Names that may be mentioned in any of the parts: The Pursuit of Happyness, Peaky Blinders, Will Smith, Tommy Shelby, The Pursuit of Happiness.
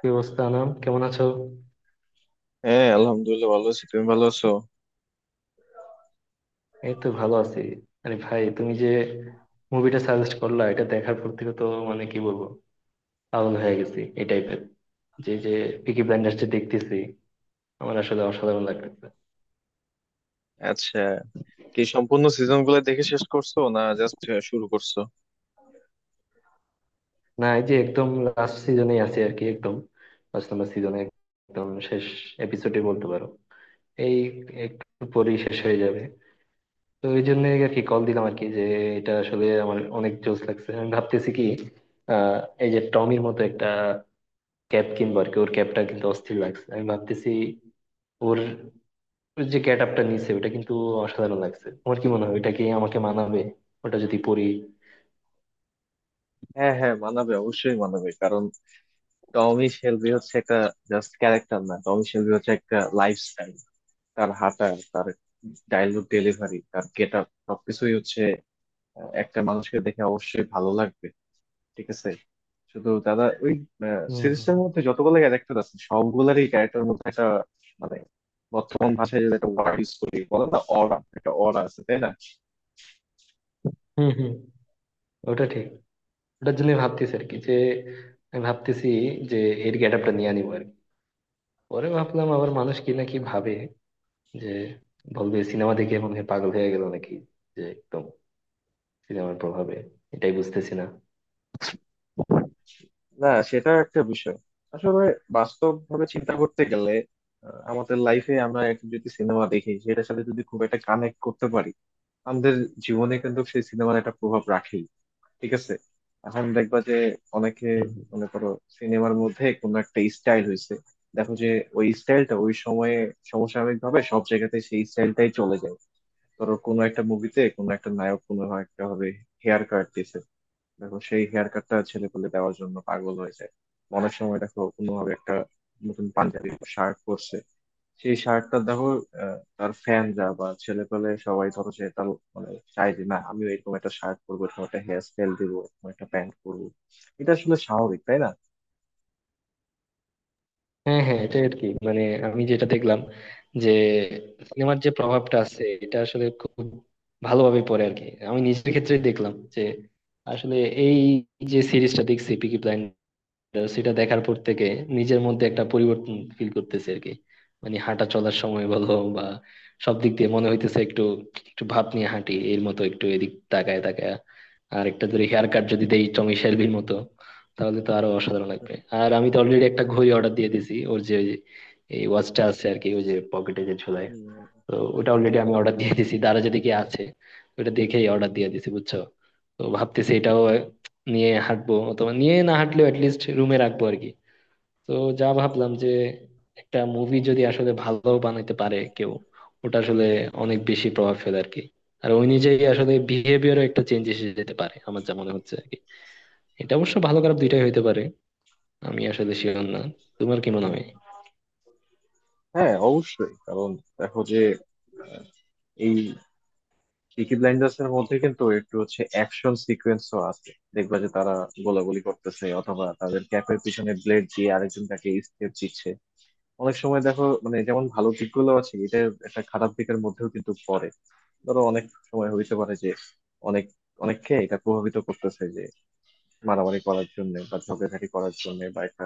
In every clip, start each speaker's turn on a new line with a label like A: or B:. A: কি অবস্থা আনাম, কেমন আছো?
B: হ্যাঁ, আলহামদুলিল্লাহ, ভালো আছি। তুমি ভালো আছো?
A: এই তো ভালো আছি। আরে ভাই, তুমি যে মুভিটা সাজেস্ট করলা, এটা দেখার পর থেকে তো মানে কি বলবো, পাগল হয়ে গেছি এই টাইপের, যে যে পিকি ব্লাইন্ডার্স যে দেখতেছি আমার আসলে অসাধারণ লাগতেছে।
B: আচ্ছা, কি সম্পূর্ণ সিজন গুলো দেখে শেষ করছো, না জাস্ট শুরু করছো?
A: না, এই যে একদম লাস্ট সিজনে আছে আর কি, একদম লাস্ট নাম্বার সিজনে, একদম শেষ এপিসোডে বলতে পারো। এই একটু পরেই শেষ হয়ে যাবে। তো এই জন্য আর কি কল দিলাম আর কি, যে এটা আসলে আমার অনেক জোশ লাগছে। আমি ভাবতেছি কি, আহ এই যে টমির মতো একটা ক্যাপ কিনবো আর কি। ওর ক্যাপটা কিন্তু অস্থির লাগছে, আমি ভাবতেছি ওর ওর যে গেট আপটা নিছে ওটা কিন্তু অসাধারণ লাগছে। তোমার কি মনে হয়, ওইটা কি আমাকে মানাবে ওটা যদি পরি?
B: হ্যাঁ হ্যাঁ, মানাবে, অবশ্যই মানাবে। কারণ টমি শেলবি হচ্ছে একটা জাস্ট ক্যারেক্টার না, টমি শেলবি হচ্ছে একটা লাইফস্টাইল। তার হাঁটা, তার ডায়লগ ডেলিভারি, তার গেট আপ সবকিছুই হচ্ছে একটা মানুষকে দেখে অবশ্যই ভালো লাগবে। ঠিক আছে, শুধু দাদা ওই
A: হুম হুম।
B: সিরিজটার মধ্যে যতগুলো ক্যারেক্টার আছে সবগুলোরই ক্যারেক্টার মধ্যে একটা মানে বর্তমান ভাষায় যেটা একটা ওয়ার্ড ইউজ করি, বলে না অরা, একটা অরা আছে তাই না।
A: হুম হুম, ওটা ঠিক। ওটার জন্য ভাবতেছি আর কি, যে আমি ভাবতেছি যে এর গেট আপটা নিয়ে আনিবো আর কি। পরে ভাবলাম আবার মানুষ কি নাকি ভাবে, যে বলবে সিনেমা দেখে মনে হয় পাগল হয়ে গেল নাকি, যে একদম সিনেমার প্রভাবে। এটাই বুঝতেছি না।
B: না, সেটা একটা বিষয় আসলে। বাস্তব ভাবে চিন্তা করতে গেলে আমাদের লাইফে আমরা একটা যদি সিনেমা দেখি, সেটার সাথে যদি খুব একটা কানেক্ট করতে পারি, আমাদের জীবনে কিন্তু সেই সিনেমার একটা প্রভাব রাখে। ঠিক আছে, এখন দেখবা যে অনেকে,
A: হুম।
B: মনে করো সিনেমার মধ্যে কোনো একটা স্টাইল হয়েছে, দেখো যে ওই স্টাইলটা ওই সময়ে সমসাময়িক ভাবে সব জায়গাতে সেই স্টাইলটাই চলে যায়। ধরো কোনো একটা মুভিতে কোনো একটা নায়ক কোনো একটা হবে হেয়ার কাট দিছে, দেখো সেই হেয়ার কাটটা ছেলে পেলে দেওয়ার জন্য পাগল হয়ে যায়। অনেক সময় দেখো কোনো ভাবে একটা নতুন পাঞ্জাবি শার্ট পরছে, সেই শার্টটা দেখো তার ফ্যানরা বা ছেলে পেলে সবাই ধরো যে তার মানে চাই যে না আমিও এরকম একটা শার্ট পরবো, এরকম একটা হেয়ার স্টাইল দিবো, এরকম একটা প্যান্ট পরবো। এটা আসলে স্বাভাবিক তাই না?
A: হ্যাঁ হ্যাঁ, এটা আর কি। মানে আমি যেটা দেখলাম, যে সিনেমার যে প্রভাবটা আছে এটা আসলে খুব ভালোভাবে পড়ে আর কি। আমি নিজের ক্ষেত্রে দেখলাম যে আসলে এই যে সিরিজটা দেখছি পিকি, তো সেটা দেখার পর থেকে নিজের মধ্যে একটা পরিবর্তন ফিল করতেছি আর কি। মানে হাঁটা চলার সময় বলো বা, সব দিক দিয়ে মনে হইতেছে একটু একটু ভাব নিয়ে হাঁটি, এর মতো একটু এদিক তাকায় তাকায়। আর একটা ধরে হেয়ার কাট যদি দেই টমি শেলবির মতো, তাহলে তো আরো অসাধারণ লাগবে। আর আমি তো অলরেডি একটা ঘড়ি অর্ডার দিয়ে দিয়েছি, ওর যে ওই- এই ওয়াচটা আছে আর কি, ওই যে পকেটে যে ঝোলায়।
B: উম,
A: তো ওটা অলরেডি আমি অর্ডার দিয়ে দিছি, দারা যদি কি আছে, ওটা দেখেই অর্ডার দিয়ে দিছি, বুঝছো। তো ভাবতেছি এটাও নিয়ে হাঁটবো, অথবা নিয়ে না হাঁটলেও লিস্ট রুমে রাখবো আর কি। তো যা ভাবলাম, যে একটা মুভি যদি আসলে ভালো বানাইতে পারে কেউ, ওটা আসলে অনেক বেশি প্রভাব ফেলে আর কি। আর ওই নিজেই আসলে বিহেভিয়ারও একটা চেঞ্জ এসে যেতে পারে, আমার যা মনে হচ্ছে আর কি। এটা অবশ্য ভালো খারাপ দুইটাই হইতে পারে, আমি আসলে শিওর না। তোমার কি মনে হয়?
B: হ্যাঁ, অবশ্যই। কারণ দেখো যে আহ, এই পিকি ব্লাইন্ডার্স এর মধ্যে কিন্তু একটু হচ্ছে অ্যাকশন সিকোয়েন্সও আছে। দেখবা যে তারা গোলাগুলি করতেছে, অথবা তাদের ক্যাপের পিছনে ব্লেড দিয়ে আরেকজন তাকে স্টেপ দিচ্ছে। অনেক সময় দেখো মানে যেমন ভালো দিকগুলো আছে, এটা একটা খারাপ দিকের মধ্যেও কিন্তু পড়ে। ধরো অনেক সময় হইতে পারে যে অনেক, অনেককে এটা প্রভাবিত করতেছে যে মারামারি করার জন্য বা ঝগড়াঝাটি করার জন্য বা একটা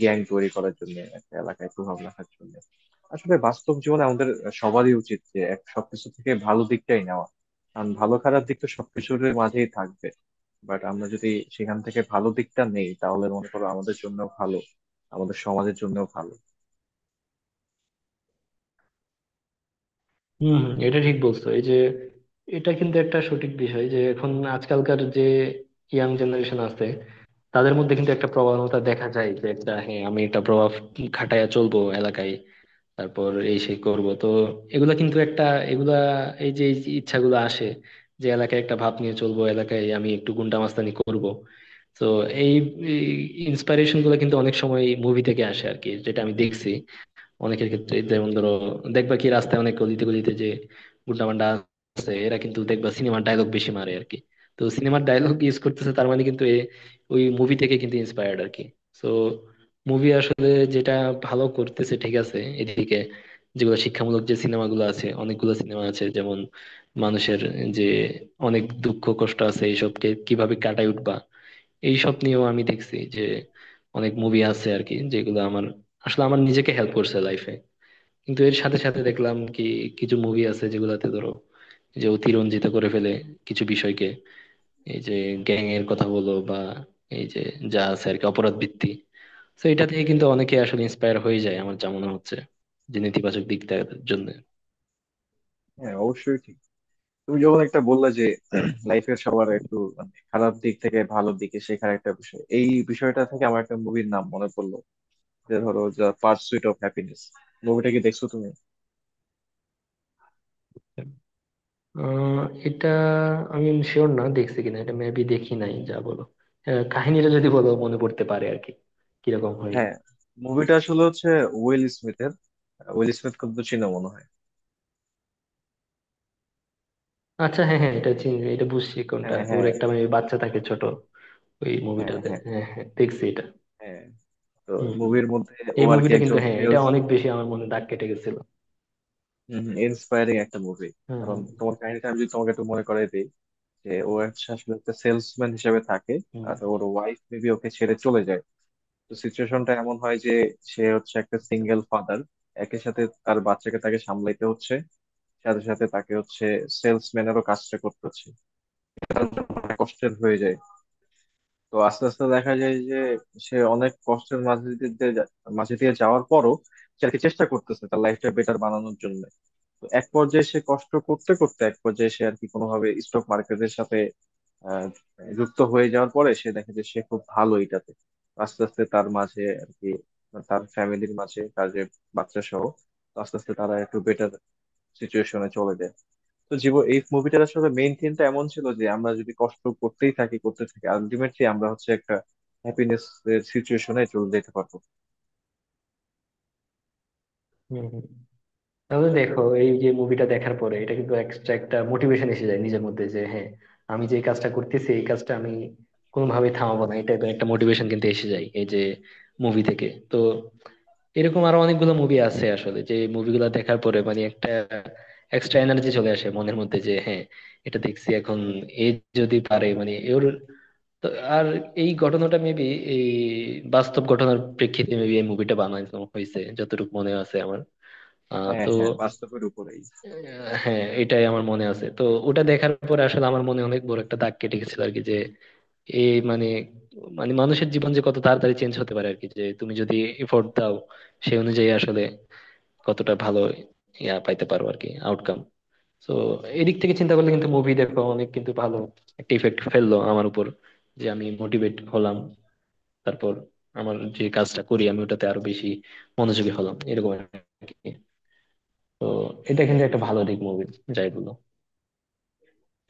B: গ্যাং তৈরি করার জন্য, একটা এলাকায় প্রভাব রাখার জন্য। আসলে বাস্তব জীবনে আমাদের সবারই উচিত যে এক সবকিছু থেকে ভালো দিকটাই নেওয়া। কারণ ভালো খারাপ দিক তো সবকিছুর মাঝেই থাকবে, বাট আমরা যদি সেখান থেকে ভালো দিকটা নেই তাহলে মনে করো আমাদের জন্য ভালো, আমাদের সমাজের জন্য ভালো।
A: হম হম, এটা ঠিক বলছো। এই যে এটা কিন্তু একটা সঠিক বিষয়, যে এখন আজকালকার যে ইয়াং জেনারেশন আছে তাদের মধ্যে কিন্তু একটা প্রবণতা দেখা যায়, যে একটা হ্যাঁ আমি এটা প্রভাব খাটাইয়া চলবো এলাকায়, তারপর এই সেই করব। তো এগুলা কিন্তু একটা এগুলা এই যে ইচ্ছাগুলো আসে, যে এলাকায় একটা ভাব নিয়ে চলবো, এলাকায় আমি একটু গুন্ডা মাস্তানি করব। তো এই ইন্সপাইরেশন গুলো কিন্তু অনেক সময় মুভি থেকে আসে আর কি, যেটা আমি দেখছি অনেকের ক্ষেত্রে। যেমন ধরো, দেখবা কি রাস্তায় অনেক গলিতে গলিতে যে গুন্ডা মান্ডা আছে, এরা কিন্তু দেখবা সিনেমার ডায়লগ বেশি মারে আর কি। তো সিনেমার ডায়লগ ইউজ করতেছে, তার মানে কিন্তু এ ওই মুভি থেকে কিন্তু ইন্সপায়ার্ড আর কি। তো মুভি আসলে যেটা ভালো করতেছে ঠিক আছে এদিকে, যেগুলো শিক্ষামূলক যে সিনেমাগুলো আছে, অনেকগুলো সিনেমা আছে যেমন মানুষের যে অনেক দুঃখ কষ্ট আছে এইসবকে কিভাবে কাটায় উঠবা, এইসব নিয়েও আমি দেখছি যে অনেক মুভি আছে আর কি, যেগুলো আমার আসলে আমার নিজেকে হেল্প করছে লাইফে। কিন্তু এর সাথে সাথে দেখলাম কি, কিছু মুভি আছে যেগুলাতে ধরো এই যে অতিরঞ্জিত করে ফেলে কিছু বিষয়কে, এই যে গ্যাং এর কথা বলো বা এই যে যা আছে আর কি অপরাধ ভিত্তি। তো এটা থেকে কিন্তু অনেকে আসলে ইন্সপায়ার হয়ে যায়, আমার যা মনে হচ্ছে, যে নেতিবাচক দিকটার জন্য।
B: হ্যাঁ, অবশ্যই ঠিক। তুমি যখন একটা বললা যে লাইফের সবার একটু মানে খারাপ দিক থেকে ভালো দিকে শেখার একটা বিষয়, এই বিষয়টা থেকে আমার একটা মুভির নাম মনে পড়লো। যে ধরো দ্য পার্সুইট অফ হ্যাপিনেস, মুভিটা কি দেখছো তুমি?
A: আহ এটা আমি শিওর না দেখছি কিনা, এটা মেবি দেখি নাই, যা বলো। কাহিনীটা যদি বলো মনে পড়তে পারে আর কি, কিরকম হয়।
B: হ্যাঁ, মুভিটা আসলে হচ্ছে উইল স্মিথের। উইল স্মিথ কিন্তু চিনো মনে হয়।
A: আচ্ছা হ্যাঁ হ্যাঁ, এটা চিনি, এটা বুঝছি কোনটা।
B: হ্যাঁ
A: ওর
B: হ্যাঁ,
A: একটা মানে বাচ্চা থাকে ছোট ওই
B: হ্যাঁ
A: মুভিটাতে।
B: হ্যাঁ,
A: হ্যাঁ হ্যাঁ, দেখছি এটা।
B: হ্যাঁ। তো
A: হম হম,
B: মুভির মধ্যে ও
A: এই
B: আর কি
A: মুভিটা কিন্তু,
B: একজন
A: হ্যাঁ এটা
B: সেলস,
A: অনেক বেশি আমার মনে দাগ কেটে গেছিল।
B: ইন্সপায়ারিং একটা মুভি।
A: হম
B: কারণ
A: হম
B: তোমার কাহিনীটা আমি যদি তোমাকে একটু মনে করাই দিই, যে ও হচ্ছে আসলে একটা সেলসম্যান হিসেবে থাকে।
A: হম।
B: আর ওর ওয়াইফ মেবি ওকে ছেড়ে চলে যায়। তো সিচুয়েশনটা এমন হয় যে সে হচ্ছে একটা
A: আচ্ছা।
B: Single father. একই সাথে তার বাচ্চাকে তাকে সামলাইতে হচ্ছে, সাথে সাথে তাকে হচ্ছে সেলসম্যানেরও কাজটা করতে হচ্ছে। তার জন্য অনেক কষ্টের হয়ে যায়। তো আস্তে আস্তে দেখা যায় যে সে অনেক কষ্টের মাঝে দিয়ে দিয়ে মাঝে দিয়ে যাওয়ার পরও সে আর কি চেষ্টা করতেছে তার লাইফটা বেটার বানানোর জন্য। তো এক পর্যায়ে সে কষ্ট করতে করতে এক পর্যায়ে সে আর কি কোনোভাবে স্টক মার্কেটের সাথে আহ, যুক্ত হয়ে যাওয়ার পরে সে দেখে যে সে খুব ভালো এটাতে। আস্তে আস্তে তার মাঝে আর কি, তার ফ্যামিলির মাঝে তার যে বাচ্চা সহ, তো আস্তে আস্তে তারা একটু বেটার সিচুয়েশনে চলে যায়। তো জীবন, এই মুভিটার আসলে মেইন থিমটা এমন ছিল যে আমরা যদি কষ্ট করতেই থাকি, করতে থাকি, আলটিমেটলি আমরা হচ্ছে একটা হ্যাপিনেস এর সিচুয়েশনে চলে যেতে পারবো।
A: হম হম। তাহলে দেখো, এই যে মুভিটা দেখার পরে এটা কিন্তু এক্সট্রা একটা মোটিভেশন এসে যায় নিজের মধ্যে, যে হ্যাঁ আমি যে এই কাজটা করতেছি, এই কাজটা আমি কোনোভাবেই থামাবো না। এটা একটা মোটিভেশন কিন্তু এসে যায় এই যে মুভি থেকে। তো এরকম আরো অনেকগুলো মুভি আছে আসলে, যে মুভিগুলো দেখার পরে মানে একটা এক্সট্রা এনার্জি চলে আসে মনের মধ্যে, যে হ্যাঁ এটা দেখছি এখন এ যদি পারে মানে ওর। তো আর এই ঘটনাটা মেবি এই বাস্তব ঘটনার প্রেক্ষিতে মেবি এই মুভিটা বানানো হয়েছে, যতটুকু মনে আছে আমার।
B: হ্যাঁ
A: তো
B: হ্যাঁ, বাস্তবের উপরেই।
A: হ্যাঁ এটাই আমার মনে আছে। তো ওটা দেখার পরে আসলে আমার মনে অনেক বড় একটা দাগ কেটে গেছিল আর কি, যে এই মানে মানে মানুষের জীবন যে কত তাড়াতাড়ি চেঞ্জ হতে পারে আর কি, যে তুমি যদি এফোর্ট দাও সেই অনুযায়ী আসলে কতটা ভালো ইয়া পাইতে পারো আর কি, আউটকাম। তো এদিক থেকে চিন্তা করলে কিন্তু মুভি দেখো অনেক কিন্তু ভালো একটা ইফেক্ট ফেললো আমার উপর, যে আমি মোটিভেট হলাম। তারপর আমার যে কাজটা করি আমি ওটাতে আরো বেশি মনোযোগী হলাম, এরকম আর কি। তো এটা
B: হ্যাঁ,
A: কিন্তু একটা ভালো দিক মুভি যাই বলো।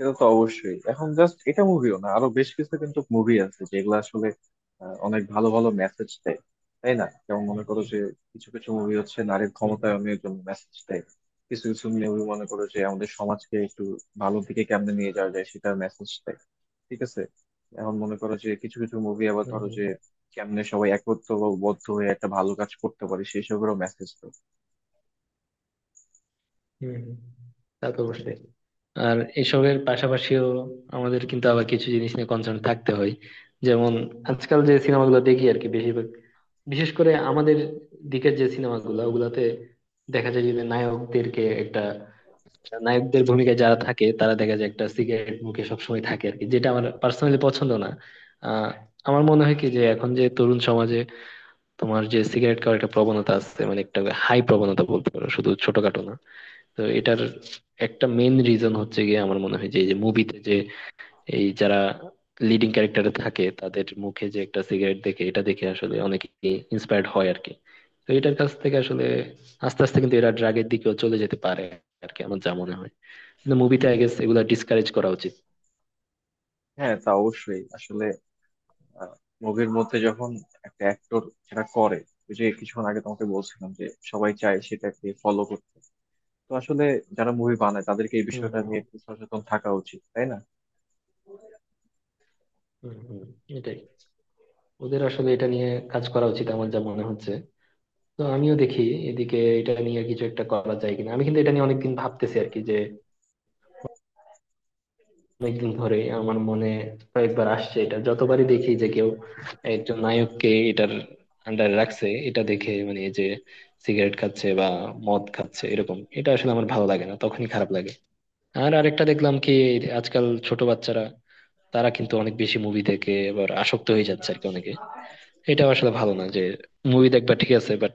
B: এটা তো অবশ্যই। এখন জাস্ট এটা মুভিও না, আরো বেশ কিছু কিন্তু মুভি আছে যেগুলো আসলে অনেক ভালো ভালো মেসেজ দেয়। তাই না? যেমন মনে
A: হুম,
B: করো যে কিছু কিছু মুভি হচ্ছে নারীর
A: হুম, হুম,
B: ক্ষমতায়নের জন্য মেসেজ দেয়। কিছু কিছু মুভি মনে করো যে আমাদের সমাজকে একটু ভালো দিকে কেমনে নিয়ে যাওয়া যায় সেটা মেসেজ দেয়। ঠিক আছে, এখন মনে করো যে কিছু কিছু মুভি আবার ধরো
A: হুম,
B: যে কেমনে সবাই একত্র বা বদ্ধ হয়ে একটা ভালো কাজ করতে পারে সেই সবেরও মেসেজ দেয়।
A: হুম, হুম। তা তো অবশ্যই। আর এসবের পাশাপাশিও আমাদের কিন্তু আবার কিছু জিনিস নিয়ে কনসার্ন থাকতে হয়। যেমন আজকাল যে সিনেমাগুলো দেখি আর কি, বেশিরভাগ, বিশেষ করে আমাদের দিকের যে সিনেমাগুলো ওগুলাতে দেখা যায় যে নায়কদের ভূমিকায় যারা থাকে তারা দেখা যায় একটা সিগারেট মুখে সবসময় থাকে আর কি, যেটা আমার পার্সোনালি পছন্দ না। আহ আমার মনে হয় কি, যে এখন যে তরুণ সমাজে তোমার যে সিগারেট খাওয়ার একটা প্রবণতা আছে, মানে একটা হাই প্রবণতা বলতে পারো, শুধু ছোটখাটো না। তো এটার একটা মেন রিজন হচ্ছে গিয়ে আমার মনে হয় যে এই যে মুভিতে যে এই যারা লিডিং ক্যারেক্টারে থাকে তাদের মুখে যে একটা সিগারেট দেখে, এটা দেখে আসলে অনেকে ইন্সপায়ার্ড হয় আর কি। তো এটার কাছ থেকে আসলে আস্তে আস্তে কিন্তু এরা ড্রাগের দিকেও চলে যেতে পারে আর কি, আমার যা মনে হয়। কিন্তু মুভিতে আই গেস এগুলা ডিসকারেজ করা উচিত।
B: হ্যাঁ, তা অবশ্যই। আসলে আহ, মুভির মধ্যে যখন একটা অ্যাক্টর সেটা করে, ওই যে কিছুক্ষণ আগে তোমাকে বলছিলাম যে সবাই চায় সেটাকে ফলো করতে। তো আসলে যারা মুভি বানায় তাদেরকে এই
A: হুম
B: বিষয়টা
A: হুম।
B: নিয়ে একটু সচেতন থাকা উচিত তাই না?
A: হুম হুম, এটাই। ওদের আসলে এটা নিয়ে কাজ করা উচিত, আমার যা মনে হচ্ছে। তো আমিও দেখি এদিকে এটা নিয়ে কিছু একটা করা যায় কিনা। আমি কিন্তু এটা নিয়ে অনেকদিন ভাবতেছি আর কি, যে অনেকদিন ধরে আমার মনে কয়েকবার আসছে এটা, যতবারই দেখি যে কেউ একজন নায়ককে এটার আন্ডারে রাখছে, এটা দেখে মানে এই যে সিগারেট খাচ্ছে বা মদ খাচ্ছে এরকম, এটা আসলে আমার ভালো লাগে না, তখনই খারাপ লাগে। আর আরেকটা দেখলাম কি, আজকাল ছোট বাচ্চারা তারা কিন্তু অনেক বেশি মুভি দেখে এবার আসক্ত হয়ে যাচ্ছে আর কি অনেকে। এটা আসলে ভালো না, যে মুভি দেখবা ঠিক আছে বাট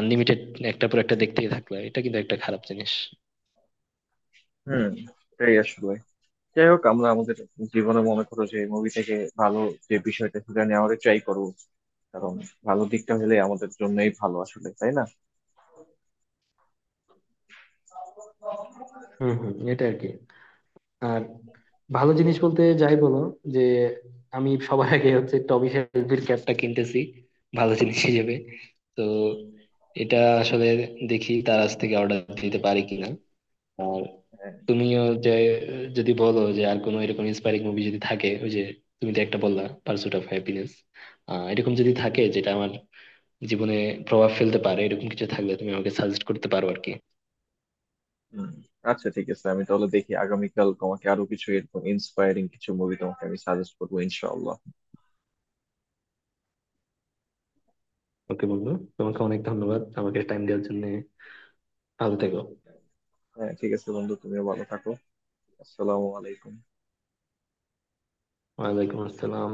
A: আনলিমিটেড একটা পর একটা দেখতেই থাকলা, এটা কিন্তু একটা খারাপ জিনিস।
B: হুম, এটাই আসলে। যাই হোক, আমরা আমাদের জীবনে মনে করো যে মুভি থেকে ভালো যে বিষয়টা সেটা নেওয়ার ট্রাই করবো। কারণ ভালো দিকটা হলে আমাদের জন্যই ভালো আসলে তাই না?
A: হম হম, এটা আর কি। আর ভালো জিনিস বলতে যাই বলো, যে আমি সবার আগে হচ্ছে টমি শেলবির ক্যাপটা কিনতেছি ভালো জিনিস হিসেবে। তো এটা আসলে দেখি তার কাছ থেকে অর্ডার দিতে পারি কিনা। আর
B: হ্যাঁ।
A: তুমিও যে যদি বলো যে আর কোনো এরকম ইন্সপায়ারিং মুভি যদি থাকে, ওই যে তুমি তো একটা বললা পার্সুট অফ হ্যাপিনেস, এরকম যদি থাকে যেটা আমার জীবনে প্রভাব ফেলতে পারে, এরকম কিছু থাকলে তুমি আমাকে সাজেস্ট করতে পারো আর কি।
B: হুম। আচ্ছা, ঠিক আছে, আমি তাহলে দেখি আগামীকাল তোমাকে আরো কিছু এরকম ইন্সপায়ারিং কিছু মুভি তোমাকে আমি সাজেস্ট করবো ইনশাআল্লাহ।
A: ওকে বন্ধু, তোমাকে অনেক ধন্যবাদ আমাকে টাইম দেওয়ার জন্য। ভালো থেকো।
B: হ্যাঁ ঠিক আছে বন্ধু, তুমিও ভালো থাকো। আসসালামু আলাইকুম।
A: ওয়ালাইকুম আসসালাম।